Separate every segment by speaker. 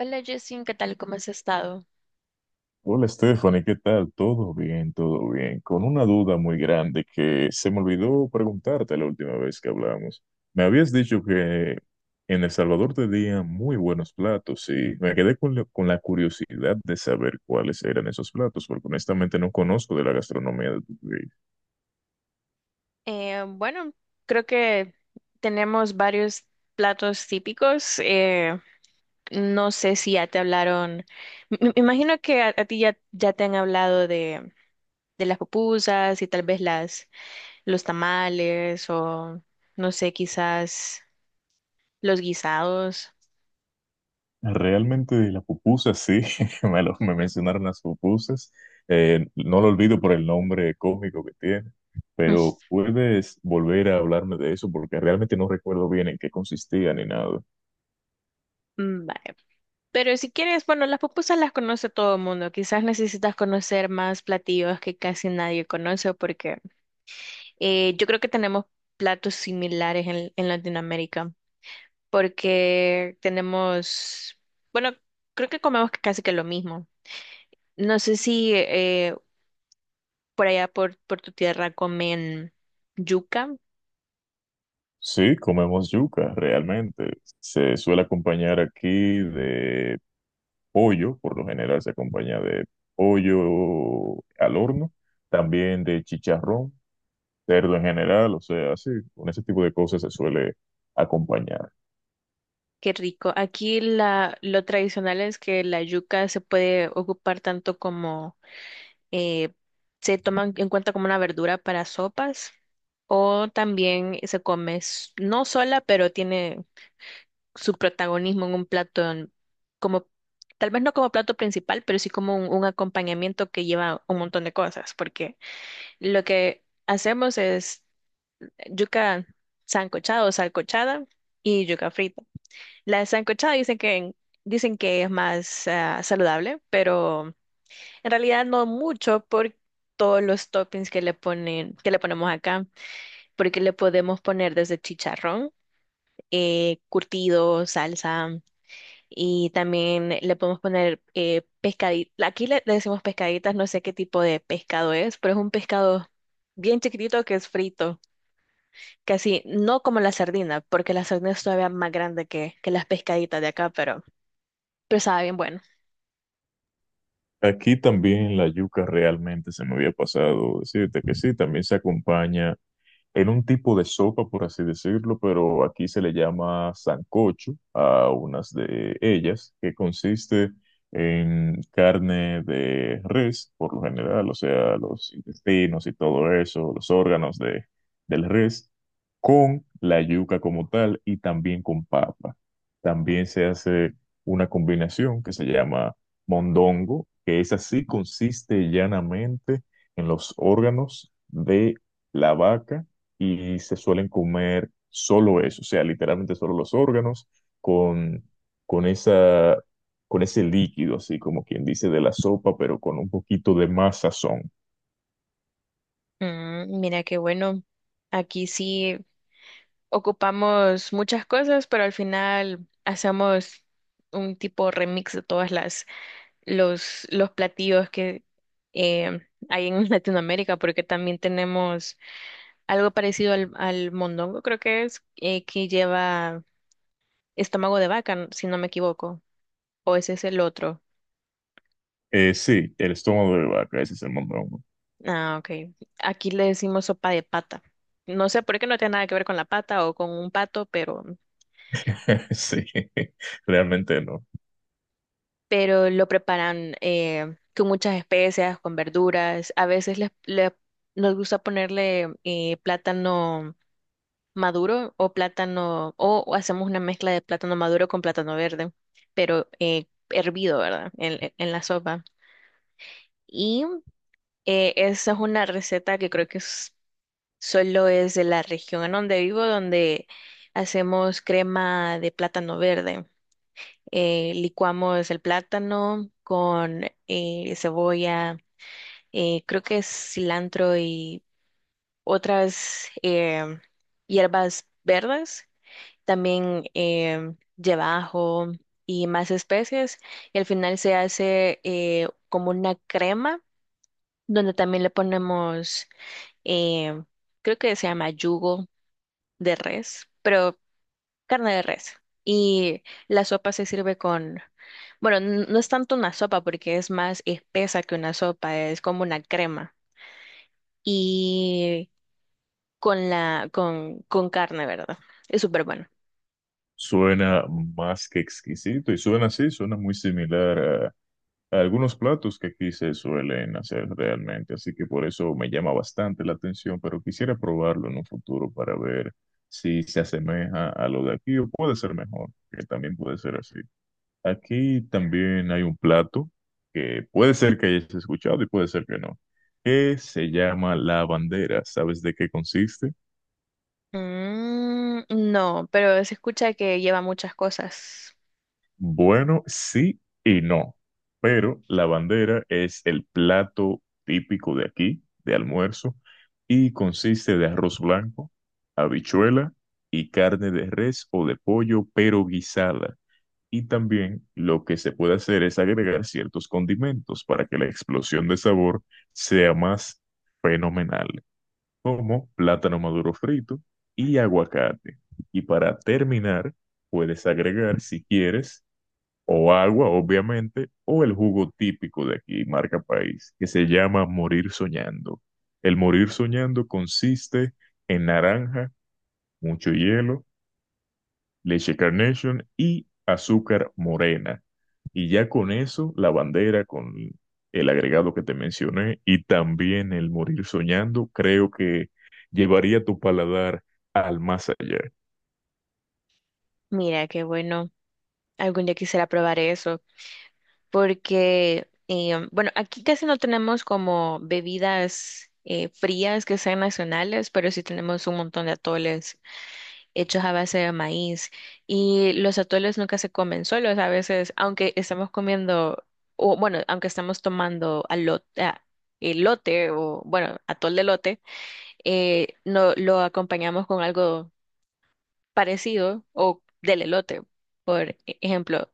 Speaker 1: Hola Justin, ¿qué tal? ¿Cómo has estado?
Speaker 2: Hola Stephanie, ¿qué tal? Todo bien, todo bien. Con una duda muy grande que se me olvidó preguntarte la última vez que hablamos. Me habías dicho que en El Salvador tenían muy buenos platos y me quedé con la curiosidad de saber cuáles eran esos platos, porque honestamente no conozco de la gastronomía de tu país.
Speaker 1: Eh, bueno, creo que tenemos varios platos típicos. No sé si ya te hablaron. Me imagino que a ti ya te han hablado de las pupusas y tal vez las, los tamales o no sé, quizás los guisados.
Speaker 2: Realmente de las pupusas, sí, me mencionaron las pupusas. No lo olvido por el nombre cómico que tiene, pero puedes volver a hablarme de eso porque realmente no recuerdo bien en qué consistía ni nada.
Speaker 1: Mm, vale. Pero si quieres, bueno, las pupusas las conoce todo el mundo. Quizás necesitas conocer más platillos que casi nadie conoce porque yo creo que tenemos platos similares en Latinoamérica, porque tenemos, bueno, creo que comemos casi que lo mismo. No sé si por allá por tu tierra comen yuca,
Speaker 2: Sí, comemos yuca, realmente. Se suele acompañar aquí de pollo, por lo general se acompaña de pollo al horno, también de chicharrón, cerdo en general, o sea, sí, con ese tipo de cosas se suele acompañar.
Speaker 1: qué rico. Aquí la, lo tradicional es que la yuca se puede ocupar tanto como eh, se toma en cuenta como una verdura para sopas, o también se come no sola, pero tiene su protagonismo en un plato, como, tal vez no como plato principal, pero sí como un acompañamiento que lleva un montón de cosas, porque lo que hacemos es yuca sancochada o salcochada y yuca frita. La sancochada dicen que es más saludable, pero en realidad no mucho por todos los toppings que le ponen, que le ponemos acá, porque le podemos poner desde chicharrón, curtido, salsa. Y también le podemos poner pescaditas. Aquí le, le decimos pescaditas, no sé qué tipo de pescado es, pero es un pescado bien chiquitito que es frito. Casi no como la sardina, porque la sardina es todavía más grande que las pescaditas de acá, pero sabe bien bueno.
Speaker 2: Aquí también la yuca realmente se me había pasado decirte que sí, también se acompaña en un tipo de sopa, por así decirlo, pero aquí se le llama sancocho a unas de ellas, que consiste en carne de res, por lo general, o sea, los intestinos y todo eso, los órganos de, del res, con la yuca como tal y también con papa. También se hace una combinación que se llama mondongo, que es así, consiste llanamente en los órganos de la vaca y se suelen comer solo eso, o sea, literalmente solo los órganos con, con esa, con ese líquido, así como quien dice de la sopa, pero con un poquito de más sazón.
Speaker 1: Mm, mira qué bueno. Aquí sí ocupamos muchas cosas, pero al final hacemos un tipo remix de todas las los platillos que eh, hay en Latinoamérica, porque también tenemos algo parecido al, al mondongo, creo que es, que lleva estómago de vaca, si no me equivoco, o ese es el otro.
Speaker 2: Sí, el estómago de vaca, ese es el mondongo.
Speaker 1: Ah, ok. Aquí le decimos sopa de pata. No sé por qué no tiene nada que ver con la pata o con un pato,
Speaker 2: Sí, realmente no.
Speaker 1: pero lo preparan con muchas especias, con verduras. A veces les, nos gusta ponerle plátano maduro o plátano, o hacemos una mezcla de plátano maduro con plátano verde, pero hervido, ¿verdad? En, e, en la sopa. Y esa es una receta que creo que solo es de la región en donde vivo, donde hacemos crema de plátano verde. Licuamos el plátano con cebolla, creo que es cilantro y otras hierbas verdes también llevajo y más especies. Y al final se hace como una crema donde también le ponemos, eh, creo que se llama yugo de res, pero carne de res. Y la sopa se sirve con, bueno, no es tanto una sopa porque es más espesa que una sopa, es como una crema. Y con la, con carne, ¿verdad? Es súper bueno.
Speaker 2: Suena más que exquisito y suena así, suena muy similar a algunos platos que aquí se suelen hacer realmente, así que por eso me llama bastante la atención, pero quisiera probarlo en un futuro para ver si se asemeja a lo de aquí o puede ser mejor, que también puede ser así. Aquí también hay un plato que puede ser que hayas escuchado y puede ser que no, que se llama la bandera. ¿Sabes de qué consiste?
Speaker 1: Mm, no, pero se escucha que lleva muchas cosas.
Speaker 2: Bueno, sí y no, pero la bandera es el plato típico de aquí, de almuerzo, y consiste de arroz blanco, habichuela y carne de res o de pollo, pero guisada. Y también lo que se puede hacer es agregar ciertos condimentos para que la explosión de sabor sea más fenomenal, como plátano maduro frito y aguacate. Y para terminar, puedes agregar, si quieres, o agua, obviamente, o el jugo típico de aquí, marca país, que se llama morir soñando. El morir soñando consiste en naranja, mucho hielo, leche Carnation y azúcar morena. Y ya con eso, la bandera con el agregado que te mencioné y también el morir soñando, creo que llevaría tu paladar al más allá.
Speaker 1: Mira, qué bueno. Algún día quisiera probar eso, porque, bueno, aquí casi no tenemos como bebidas frías que sean nacionales, pero sí tenemos un montón de atoles hechos a base de maíz. Y los atoles nunca se comen solos, a veces, aunque estamos comiendo, o bueno, aunque estamos tomando alote, ah, elote, o bueno, atol de lote no, lo acompañamos con algo parecido o del elote. Por ejemplo,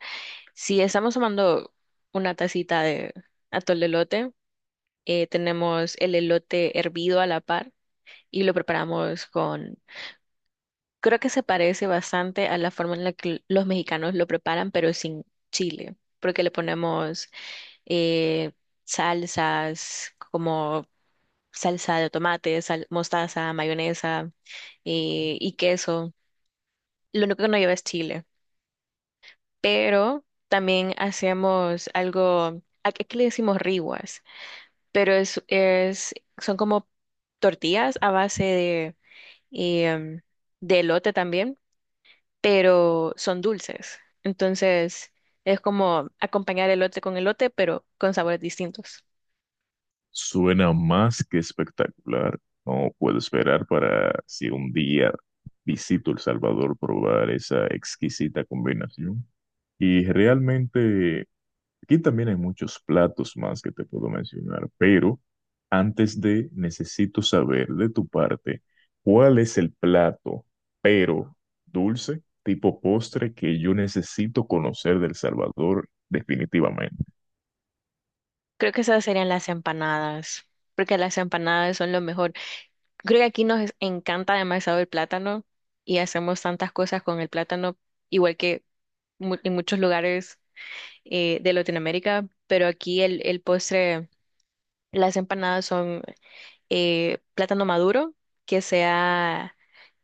Speaker 1: si estamos tomando una tacita de atol de elote, tenemos el elote hervido a la par y lo preparamos con, creo que se parece bastante a la forma en la que los mexicanos lo preparan, pero sin chile, porque le ponemos eh, salsas como salsa de tomate, mostaza, mayonesa y queso. Lo único que no lleva es chile, pero también hacíamos algo, aquí le decimos riguas, pero es, son como tortillas a base de, y, de elote también, pero son dulces. Entonces es como acompañar elote con elote, pero con sabores distintos.
Speaker 2: Suena más que espectacular. No puedo esperar para si un día visito El Salvador probar esa exquisita combinación. Y realmente aquí también hay muchos platos más que te puedo mencionar, pero antes de necesito saber de tu parte cuál es el plato, pero dulce, tipo postre que yo necesito conocer del Salvador definitivamente.
Speaker 1: Creo que esas serían las empanadas, porque las empanadas son lo mejor. Creo que aquí nos encanta demasiado el plátano y hacemos tantas cosas con el plátano, igual que en muchos lugares de Latinoamérica, pero aquí el postre, las empanadas son plátano maduro, que sea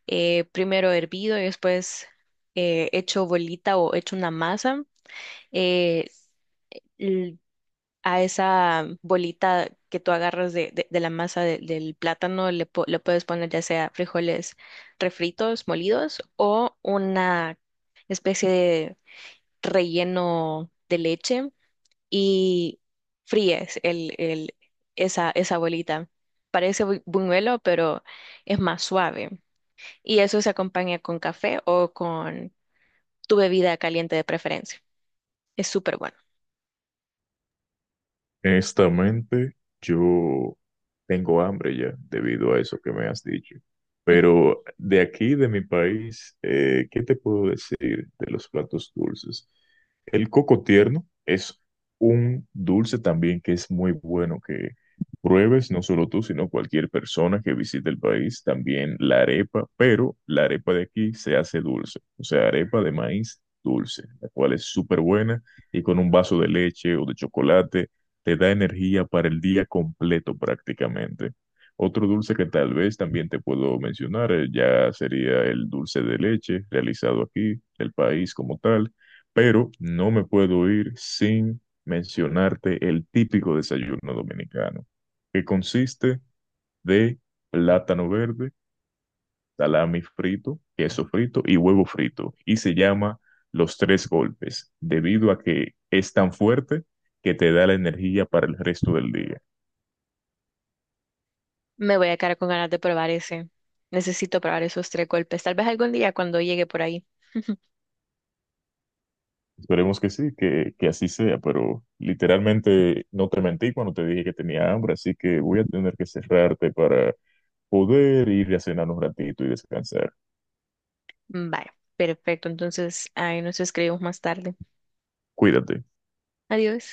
Speaker 1: primero hervido y después hecho bolita o hecho una masa. eh, l- a esa bolita que tú agarras de, de la masa del plátano le, le puedes poner ya sea frijoles refritos, molidos o una especie de relleno de leche y fríes el, esa bolita. Parece buñuelo, pero es más suave. Y eso se acompaña con café o con tu bebida caliente de preferencia. Es súper bueno.
Speaker 2: Honestamente, yo tengo hambre ya debido a eso que me has dicho.
Speaker 1: Mm.
Speaker 2: Pero de aquí, de mi país, ¿qué te puedo decir de los platos dulces? El coco tierno es un dulce también que es muy bueno que pruebes, no solo tú, sino cualquier persona que visite el país. También la arepa, pero la arepa de aquí se hace dulce, o sea, arepa de maíz dulce, la cual es súper buena y con un vaso de leche o de chocolate te da energía para el día completo prácticamente. Otro dulce que tal vez también te puedo mencionar ya sería el dulce de leche realizado aquí, el país como tal, pero no me puedo ir sin mencionarte el típico desayuno dominicano, que consiste de plátano verde salami frito, queso frito y huevo frito, y se llama Los Tres Golpes, debido a que es tan fuerte que te da la energía para el resto del día.
Speaker 1: Me voy a quedar con ganas de probar ese. Necesito probar esos tres golpes. Tal vez algún día cuando llegue por ahí.
Speaker 2: Esperemos que sí, que así sea, pero literalmente no te mentí cuando te dije que tenía hambre, así que voy a tener que cerrarte para poder ir a cenar un ratito y descansar.
Speaker 1: Vaya, perfecto. Entonces, ahí nos escribimos más tarde.
Speaker 2: Cuídate.
Speaker 1: Adiós.